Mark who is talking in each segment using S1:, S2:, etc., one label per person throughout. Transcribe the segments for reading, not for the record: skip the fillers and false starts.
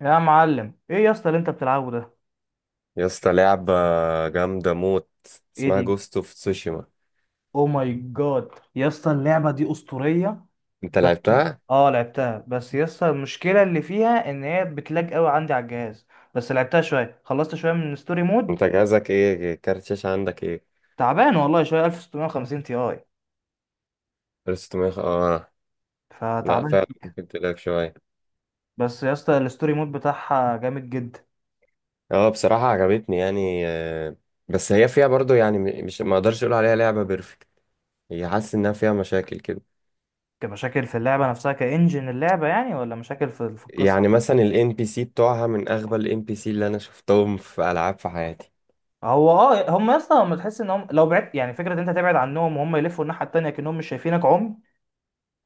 S1: يا معلم ايه يا اسطى اللي انت بتلعبه ده؟
S2: يا اسطى لعبة جامدة موت.
S1: ايه
S2: اسمها
S1: دي؟
S2: جوست اوف تسوشيما.
S1: او ماي جاد يا اسطى اللعبه دي اسطوريه.
S2: انت
S1: بس
S2: لعبتها؟
S1: اه لعبتها، بس يا اسطى المشكله اللي فيها ان هي بتلاج قوي عندي على الجهاز. بس لعبتها شويه، خلصت شويه من ستوري مود.
S2: انت جهازك ايه؟ كارت شاشة عندك ايه؟
S1: تعبان والله شويه، 1650 تي اي،
S2: 1600، اه. لا
S1: فتعبان
S2: فعلا
S1: فيك.
S2: ممكن تلاقي شوية.
S1: بس يا اسطى الستوري مود بتاعها جامد جدا.
S2: اه، بصراحة عجبتني يعني. بس هي فيها برضو يعني، مش، ما اقدرش اقول عليها لعبة بيرفكت. هي حاسس انها فيها مشاكل كده.
S1: كمشاكل في اللعبه نفسها كانجن اللعبه يعني، ولا مشاكل في القصه؟
S2: يعني مثلا الان بي سي بتوعها من اغبى الان بي سي اللي انا شفتهم في العاب في حياتي.
S1: هو اه هم يا اسطى، هم تحس انهم لو بعدت، يعني فكره إن انت تبعد عنهم وهم يلفوا الناحيه التانيه كانهم مش شايفينك.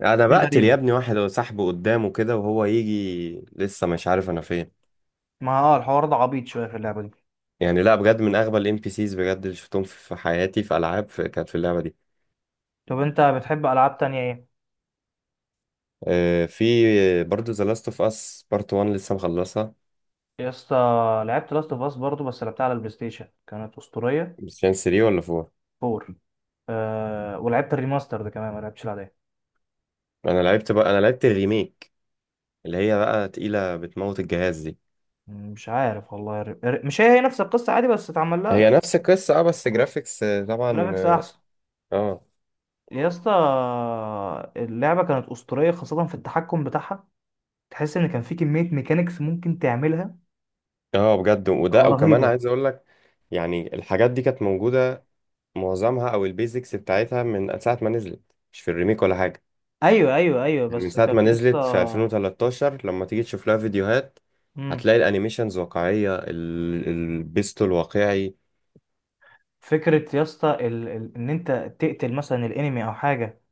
S2: انا
S1: دي
S2: بقتل يا
S1: غريبة.
S2: ابني واحد وسحبه قدامه كده، وهو يجي لسه مش عارف انا فين.
S1: ما الحوار ده عبيط شوية في اللعبة دي.
S2: يعني لا، بجد من اغبى الام بي سيز بجد اللي شفتهم في حياتي، في العاب، في كانت في اللعبه دي.
S1: طب انت بتحب ألعاب تانية ايه؟
S2: في برضو ذا لاست اوف اس بارت 1 لسه مخلصها.
S1: يا اسطى، لعبت لاست اوف اس برضه بس لعبتها على البلاي ستيشن، كانت أسطورية.
S2: بس كان 3 ولا 4.
S1: 4. آه، ولعبت الريماستر ده كمان، ما لعبتش العادية.
S2: انا لعبت الريميك، اللي هي بقى تقيله بتموت الجهاز دي.
S1: مش عارف والله مش هي هي نفس القصة عادي بس اتعمل
S2: هي
S1: لها
S2: نفس القصه اه، بس جرافيكس طبعا
S1: جرافيكس
S2: اه.
S1: أحسن.
S2: اه.
S1: يا اسطى، اللعبة كانت أسطورية خاصة في التحكم بتاعها. تحس إن كان في كمية ميكانيكس ممكن تعملها
S2: بجد. وده وكمان
S1: رهيبة.
S2: عايز اقول لك، يعني الحاجات دي كانت موجوده، معظمها او البيزكس بتاعتها، من ساعه ما نزلت، مش في الريميك ولا حاجه.
S1: أيوه أيوه أيوه،
S2: يعني من
S1: بس
S2: ساعة ما
S1: كانت يا اسطى.
S2: نزلت في 2013، لما تيجي تشوف لها فيديوهات
S1: مم.
S2: هتلاقي الانيميشنز واقعية، البيستول واقعي.
S1: فكرة يا اسطى ان انت تقتل مثلا الانمي او حاجة،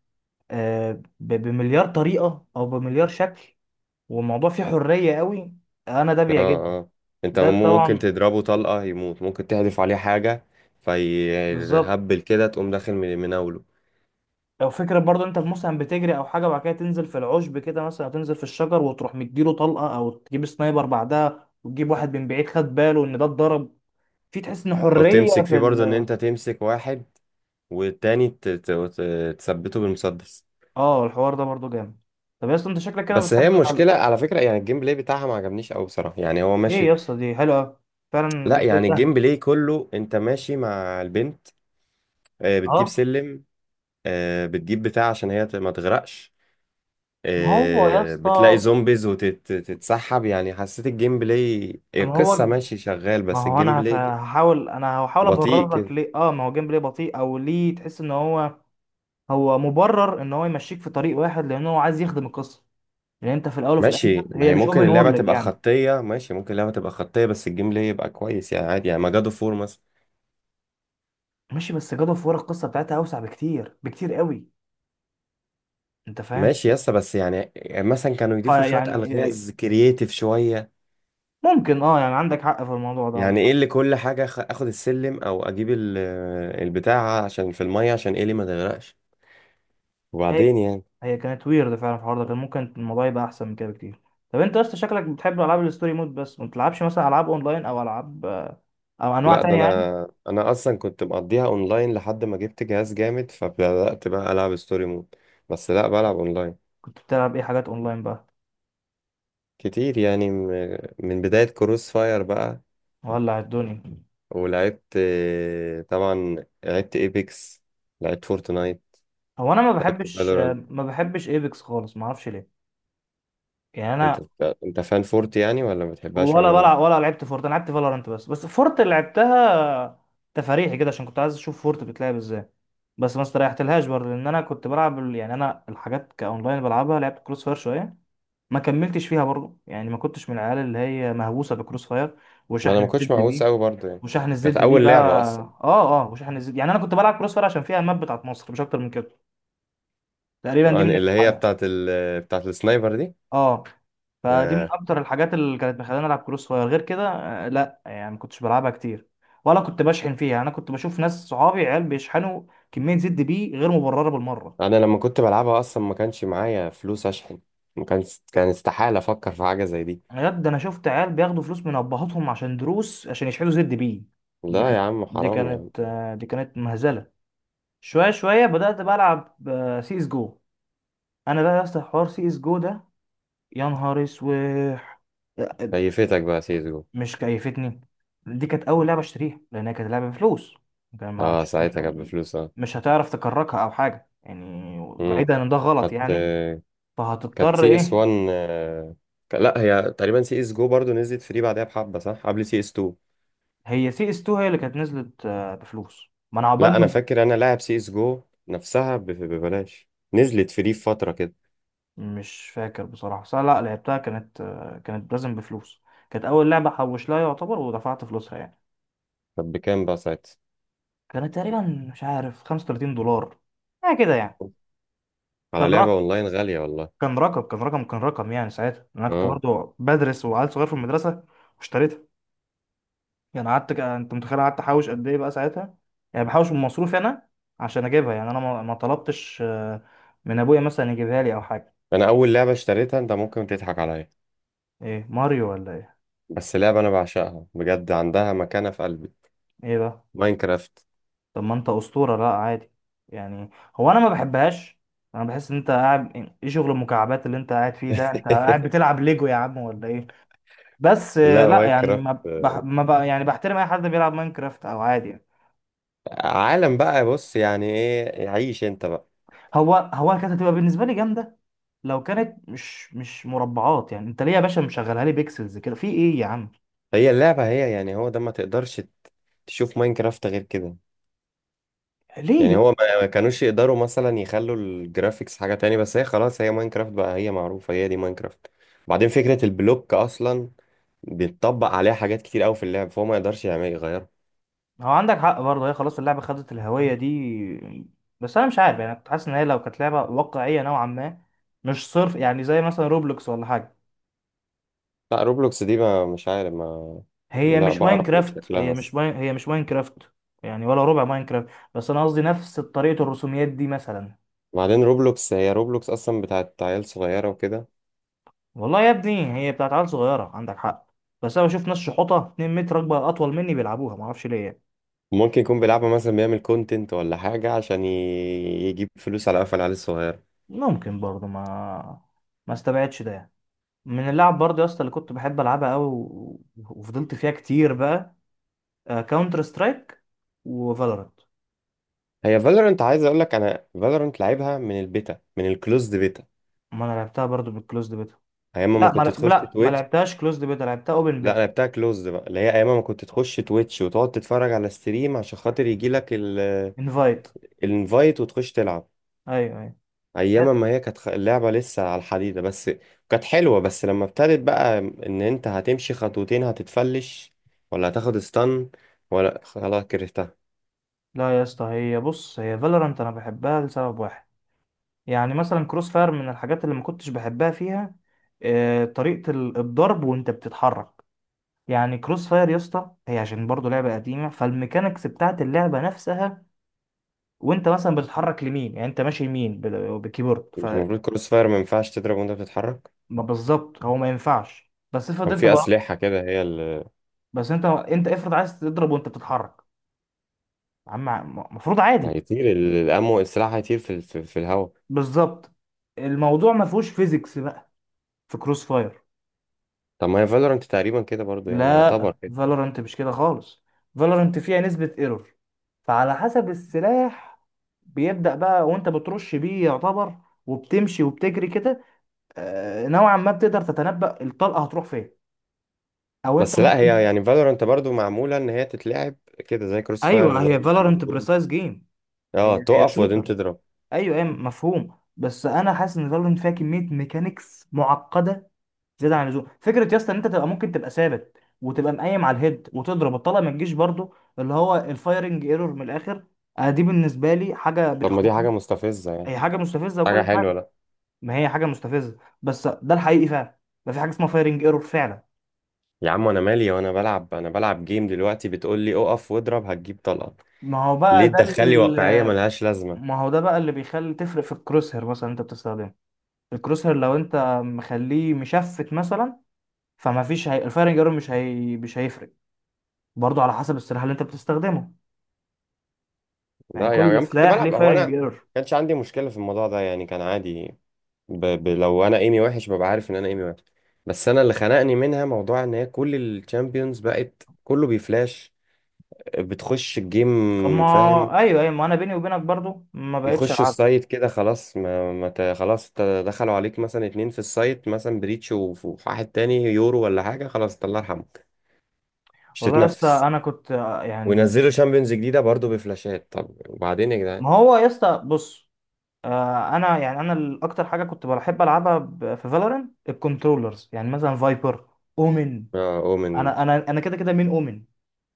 S1: آه، بمليار طريقة او بمليار شكل، والموضوع فيه حرية قوي، انا ده
S2: اه.
S1: بيعجبني.
S2: اه. انت
S1: ده
S2: ممكن
S1: طبعا.
S2: تضربه طلقة يموت، ممكن تحذف عليه حاجة
S1: بالظبط.
S2: فيهبل كده، تقوم داخل مناوله.
S1: او فكرة برضه انت مثلا بتجري او حاجة وبعد كده تنزل في العشب كده مثلا، أو تنزل في الشجر وتروح مديله طلقة، او تجيب سنايبر بعدها وتجيب واحد من بعيد خد باله ان ده اتضرب. في تحس ان
S2: او
S1: حرية
S2: تمسك فيه
S1: في
S2: برضه، ان
S1: ال.
S2: انت تمسك واحد والتاني تثبته بالمسدس.
S1: اه الحوار ده برضه جامد. طب يا اسطى انت شكلك كده
S2: بس هي
S1: بتحب
S2: المشكلة
S1: الحلقة.
S2: على فكرة، يعني الجيم بلاي بتاعها ما عجبنيش قوي بصراحة، يعني هو
S1: ليه
S2: ماشي.
S1: يا اسطى؟ دي حلوة فعلا،
S2: لا،
S1: جدا
S2: يعني الجيم
S1: سهل.
S2: بلاي كله انت ماشي مع البنت، بتجيب
S1: اه
S2: سلم، بتجيب بتاع عشان هي ما تغرقش،
S1: ما هو يا
S2: بتلاقي
S1: اسطى،
S2: زومبيز وتتسحب. يعني حسيت الجيم بلاي،
S1: ما هو
S2: القصة ماشي شغال،
S1: ما
S2: بس
S1: هو
S2: الجيم
S1: انا هف-
S2: بلاي
S1: هحاول انا هحاول
S2: بطيء
S1: ابرر لك
S2: كده.
S1: ليه. اه ما هو جيمبلاي بطيء، او ليه تحس ان هو هو مبرر ان هو يمشيك في طريق واحد لان هو عايز يخدم القصه، لان انت في الاول وفي الاخر.
S2: ماشي، ما
S1: هي
S2: هي
S1: مش
S2: ممكن
S1: اوبن
S2: اللعبة
S1: وورلد
S2: تبقى
S1: يعني.
S2: خطية، ماشي ممكن اللعبة تبقى خطية، بس الجيم بلاي يبقى كويس يعني، عادي، يعني ما جادو فور مثلا.
S1: ماشي، بس جاد اوف وور القصه بتاعتها اوسع بكتير، بكتير قوي. انت فاهم.
S2: ماشي يسا، بس يعني مثلا كانوا يضيفوا شوية
S1: فيعني
S2: ألغاز كرييتيف شوية.
S1: ممكن، يعني عندك حق في الموضوع ده.
S2: يعني
S1: مش
S2: ايه اللي كل حاجة، اخد السلم، او اجيب البتاع عشان في المية عشان ايه، اللي ما تغرقش.
S1: عارف.
S2: وبعدين يعني.
S1: هي كانت ويرد فعلا، في الحوار ده كان ممكن الموضوع يبقى احسن من كده بكتير. طب انت اصلا شكلك بتحب العاب الستوري مود، بس ما بتلعبش مثلا العاب اونلاين او العاب او انواع
S2: لا، ده
S1: تانية يعني؟
S2: انا اصلا كنت مقضيها اونلاين، لحد ما جبت جهاز جامد فبدأت بقى العب ستوري مود. بس لا، بلعب اونلاين
S1: كنت بتلعب ايه حاجات اونلاين بقى؟
S2: كتير يعني، من بداية كروس فاير بقى.
S1: ولع الدنيا.
S2: ولعبت طبعا، لعبت ايبكس، لعبت فورتنايت،
S1: هو انا ما
S2: لعبت
S1: بحبش،
S2: فالورانت.
S1: ما بحبش ايبكس خالص، ما اعرفش ليه. يعني
S2: انت
S1: انا،
S2: انت فان فورت يعني، ولا ما بتحبهاش
S1: ولا
S2: عموما؟
S1: بلعب ولا لعبت فورت. انا لعبت فالورانت بس، فورت اللي لعبتها تفاريحي كده عشان كنت عايز اشوف فورت بتلعب ازاي، بس ما استريحتلهاش برضه. لان انا كنت بلعب يعني انا الحاجات كاونلاين بلعبها، لعبت كروس فاير شويه، ما كملتش فيها برضه. يعني ما كنتش من العيال اللي هي مهووسه بكروس فاير
S2: ما انا
S1: وشحن
S2: ما كنتش
S1: الزد
S2: مهووس
S1: بيه.
S2: قوي برضه يعني.
S1: وشحن
S2: كانت
S1: الزد بيه
S2: اول
S1: بقى.
S2: لعبة اصلا.
S1: اه اه وشحن الزد، يعني انا كنت بلعب كروس فاير عشان فيها الماب بتاعت مصر، مش اكتر من كده تقريبا.
S2: يعني اللي هي بتاعت بتاعت السنايبر دي.
S1: اه، فدي من
S2: آه،
S1: اكتر الحاجات اللي كانت مخلاني العب كروس فاير، غير كده لا، يعني ما كنتش بلعبها كتير، ولا كنت بشحن فيها. انا كنت بشوف ناس صحابي عيال بيشحنوا كميه زد بيه غير مبرره بالمره.
S2: انا لما كنت بلعبها اصلا ما كانش معايا فلوس اشحن. ما كان، كان استحالة افكر في حاجة زي دي.
S1: بجد، انا شفت عيال بياخدوا فلوس من ابهاتهم عشان دروس عشان يشحنوا زد بيه. دي
S2: لا يا
S1: كانت
S2: عم، حرام يا عم.
S1: دي كانت مهزله. شويه شويه بدات بقى العب سي اس جو. انا بقى يا اسطى حوار سي اس جو ده، يا نهار اسوح.
S2: كيفتك بقى سيزو؟
S1: مش كيفتني. دي كانت اول لعبه اشتريها، لانها كانت لعبه بفلوس. كان ما-
S2: اه،
S1: مش مش
S2: ساعتها كانت بفلوس، اه.
S1: مش هتعرف تكركها او حاجه يعني،
S2: امم
S1: بعيدا ان ده غلط
S2: كانت
S1: يعني،
S2: كانت
S1: فهتضطر
S2: سي اس
S1: ايه.
S2: 1. لا، هي تقريبا سي اس جو برضو نزلت فري بعدها بحبة، صح؟ قبل سي اس 2.
S1: هي سي اس 2 هي اللي كانت نزلت بفلوس، ما انا
S2: لا، انا
S1: عقبال.
S2: فاكر انا لاعب سي اس جو نفسها ببلاش، نزلت فري في فترة كده.
S1: مش فاكر بصراحة، بس أنا لا لعبتها كانت، كانت لازم بفلوس. كانت أول لعبة حوش لها يعتبر ودفعت فلوسها يعني.
S2: طب بكام بقى ساعتها؟
S1: كانت تقريبا مش عارف $35، حاجة كده يعني. كان
S2: على لعبة
S1: رقم
S2: اونلاين غالية والله.
S1: كان رقم كان رقم يعني ساعتها، أنا كنت
S2: اه.
S1: برضه بدرس وعيل صغير في المدرسة واشتريتها. يعني قعدت أنت متخيل قعدت أحوش قد إيه بقى ساعتها؟ يعني بحوش من مصروفي أنا عشان أجيبها، يعني أنا ما طلبتش، من أبويا مثلا يجيبها لي أو حاجة.
S2: انا اول لعبة اشتريتها، انت ممكن تضحك عليا،
S1: إيه، ماريو ولا إيه؟
S2: بس لعبة أنا بعشقها بجد، عندها مكانة في قلبي.
S1: إيه بقى؟
S2: ماينكرافت.
S1: طب ما انت اسطوره، لا عادي يعني. هو انا ما بحبهاش، انا بحس ان انت قاعد ايه شغل المكعبات اللي انت قاعد فيه ده، انت قاعد بتلعب ليجو يا عم ولا ايه؟ بس
S2: لا،
S1: لا، يعني
S2: ماينكرافت
S1: ما بح... ما بق... يعني بحترم اي حد بيلعب ماينكرافت او عادي يعني.
S2: عالم بقى. بص يعني إيه، عيش أنت بقى.
S1: هو كانت هتبقى بالنسبه لي جامده لو كانت مش مربعات، يعني انت ليه يا باشا مشغلها لي بيكسلز كده في ايه يا عم؟
S2: هي اللعبة هي، يعني هو ده، ما تقدرش تشوف ماينكرافت غير كده. يعني
S1: ليه؟
S2: هو ما كانوش يقدروا مثلا يخلوا الجرافيكس حاجة تاني، بس هي خلاص، هي ماينكرافت بقى، هي معروفة، هي دي ماينكرافت. بعدين فكرة البلوك أصلا بيتطبق عليها حاجات كتير أوي في اللعب، فهو ما يقدرش يعمل يغيرها.
S1: هو عندك حق برضه، هي خلاص اللعبة خدت الهوية دي. بس أنا مش عارف يعني، كنت حاسس إن هي لو كانت لعبة واقعية نوعا ما، مش صرف يعني، زي مثلا روبلوكس ولا حاجة.
S2: لا، روبلوكس دي، ما مش عارف ما.
S1: هي
S2: لا،
S1: مش
S2: بقرف من
S1: ماينكرافت،
S2: شكلها.
S1: هي مش ماينكرافت، يعني ولا ربع ماينكرافت. بس أنا قصدي نفس طريقة الرسوميات دي مثلا.
S2: وبعدين روبلوكس، هي روبلوكس اصلا بتاعت عيال صغيره وكده.
S1: والله يا ابني هي بتاعت عيال صغيرة عندك حق، بس أنا بشوف ناس شحوطة 2 متر، أكبر أطول مني، بيلعبوها معرفش ليه يعني.
S2: ممكن يكون بيلعبها مثلا، بيعمل كونتنت ولا حاجه، عشان يجيب فلوس على قفل العيال الصغيره.
S1: ممكن برضه، ما استبعدش ده يعني. من اللعب برضه يا اسطى اللي كنت بحب العبها قوي، و... وفضلت فيها كتير بقى، كاونتر سترايك وفالورانت.
S2: هي فالورنت، عايز اقول لك، انا فالورنت لعبها من البيتا، من الكلوزد بيتا،
S1: ما انا لعبتها برضو بالكلوزد بيتا.
S2: ايام ما
S1: لا،
S2: كنت
S1: ما
S2: تخش
S1: لا ما
S2: تويتش.
S1: لعبتهاش كلوزد بيتا، لعبتها اوبن
S2: لا،
S1: بيتا.
S2: انا بتاع كلوزد بقى، اللي هي ايام ما كنت تخش تويتش وتقعد تتفرج على ستريم عشان خاطر يجي لك
S1: انفايت.
S2: الانفايت وتخش تلعب.
S1: ايوه ايوه.
S2: ايام ما هي كانت، اللعبه لسه على الحديده بس، كانت حلوه. بس لما ابتدت بقى ان انت هتمشي خطوتين هتتفلش، ولا هتاخد استن، ولا خلاص كرهتها.
S1: لا يا اسطى، هي بص، هي فالورانت انا بحبها لسبب واحد. يعني مثلا كروس فاير من الحاجات اللي ما كنتش بحبها فيها طريقة الضرب وانت بتتحرك. يعني كروس فاير يا اسطى، هي عشان برضو لعبة قديمة، فالميكانيكس بتاعت اللعبة نفسها، وانت مثلا بتتحرك لمين، يعني انت ماشي يمين بالكيبورد،
S2: مش
S1: فما.
S2: المفروض كروس فاير ما ينفعش تضرب وانت بتتحرك؟
S1: بالظبط، هو ما ينفعش، بس افرض
S2: كان
S1: انت
S2: في
S1: ضربت.
S2: اسلحه كده، هي اللي
S1: بس انت افرض عايز تضرب وانت بتتحرك، عم المفروض عادي.
S2: هيطير الامو، السلاح هيطير في في الهواء.
S1: بالظبط. الموضوع ما فيهوش فيزيكس بقى في كروس فاير.
S2: طب ما هي فالورانت تقريبا كده برضو، يعني
S1: لا،
S2: يعتبر كده.
S1: فالورانت مش كده خالص. فالورانت فيها نسبة ايرور، فعلى حسب السلاح بيبدأ بقى وانت بترش بيه يعتبر، وبتمشي وبتجري كده، نوعا ما بتقدر تتنبأ الطلقة هتروح فين، او انت
S2: بس لا، هي
S1: ممكن.
S2: يعني فالورانت برضو معموله ان هي تتلعب كده، زي كروس فاير،
S1: ايوه، هي
S2: زي سي اس
S1: فالورانت
S2: جو.
S1: بريسايز جيم. هي
S2: اه،
S1: هي
S2: تقف وبعدين
S1: شوتر.
S2: تضرب.
S1: ايوه ايوه، مفهوم. بس انا حاسس ان فالورنت فيها كميه ميكانيكس معقده زياده عن اللزوم، فكره يا اسطى ان انت تبقى ممكن تبقى ثابت وتبقى مقيم على الهيد وتضرب الطلقه ما تجيش، برضو اللي هو الفايرنج ايرور من الاخر. دي بالنسبه لي حاجه
S2: طب ما دي
S1: بتخنقني.
S2: حاجه مستفزه يعني.
S1: هي حاجه مستفزه
S2: حاجه
S1: وكل حاجه.
S2: حلوه؟ لا.
S1: ما هي حاجه مستفزه، بس ده الحقيقي فعلا، ما في حاجه اسمها فايرنج ايرور فعلا.
S2: يا عم انا مالي، وانا بلعب، انا بلعب جيم دلوقتي، بتقول لي اقف واضرب هتجيب طلقه.
S1: ما هو
S2: ليه
S1: بقى ده
S2: تدخلي واقعيه
S1: ال-
S2: ملهاش
S1: ما
S2: لازمه؟
S1: هو ده بقى اللي بيخلي تفرق في الكروس هير مثلا انت بتستخدمه. الكروس هير لو انت مخليه مشفت مثلا، فما فيش الفايرنج ايرور مش هيفرق، برضو على حسب السلاح اللي انت بتستخدمه، يعني
S2: لا يعني
S1: كل
S2: انا كنت
S1: سلاح ليه
S2: بلعب، هو انا،
S1: فايرنج
S2: ما
S1: ايرور.
S2: كانش عندي مشكله في الموضوع ده يعني، كان عادي. لو انا ايمي وحش ببقى عارف ان انا ايمي وحش. بس انا اللي خنقني منها موضوع ان هي كل الشامبيونز بقت كله بيفلاش، بتخش
S1: اما
S2: الجيم. فاهم؟
S1: ايوه ايوه، ما انا بيني وبينك برضو ما بقتش
S2: يخشوا
S1: العبها.
S2: السايت كده، خلاص ما, ما خلاص دخلوا عليك مثلا اتنين في السايت، مثلا بريتش وواحد تاني يورو ولا حاجه، خلاص الله يرحمه، مش
S1: والله يا اسطى
S2: تتنفس.
S1: انا كنت يعني،
S2: وينزلوا شامبيونز جديده برضو بفلاشات، طب وبعدين يا جدعان.
S1: ما هو يا اسطى بص، انا يعني اكتر حاجه كنت بحب العبها في فالورنت الكنترولرز، يعني مثلا فايبر، اومن.
S2: اه، اومن.
S1: انا كده كده مين اومن.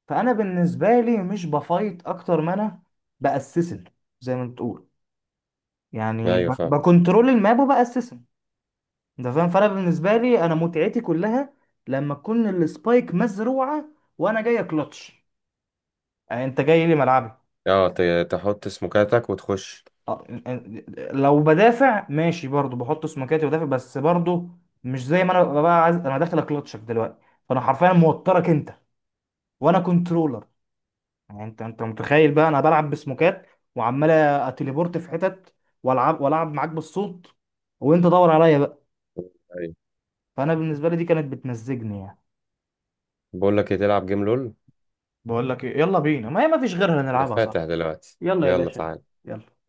S1: فانا بالنسبه لي مش بفايت، اكتر ما انا باسسن، زي ما بتقول، يعني
S2: ايوه فاهم.
S1: بكنترول الماب وباسسن. انت فاهم، فانا بالنسبه لي، انا متعتي كلها لما تكون السبايك مزروعه وانا جاي كلتش، يعني انت جاي لي ملعبي.
S2: اه، تحط سموكاتك وتخش.
S1: اه، لو بدافع ماشي، برضو بحط سمكاتي بدافع، بس برضو مش زي ما انا ببقى بقى، عايز انا داخل اكلتشك دلوقتي. فانا حرفيا موترك انت، وانا كنترولر. يعني انت متخيل بقى انا بلعب بسموكات وعمال اتليبورت في حتت، والعب والعب معاك بالصوت، وانت دور عليا بقى.
S2: ايوه،
S1: فانا بالنسبه لي دي كانت بتمزجني يعني.
S2: بقول لك ايه، تلعب جيم لول؟
S1: بقول لك ايه، يلا بينا، ما هي ما فيش غيرها
S2: انا
S1: نلعبها صح،
S2: فاتح دلوقتي.
S1: يلا يا
S2: يلا
S1: باشا،
S2: تعالى.
S1: يلا.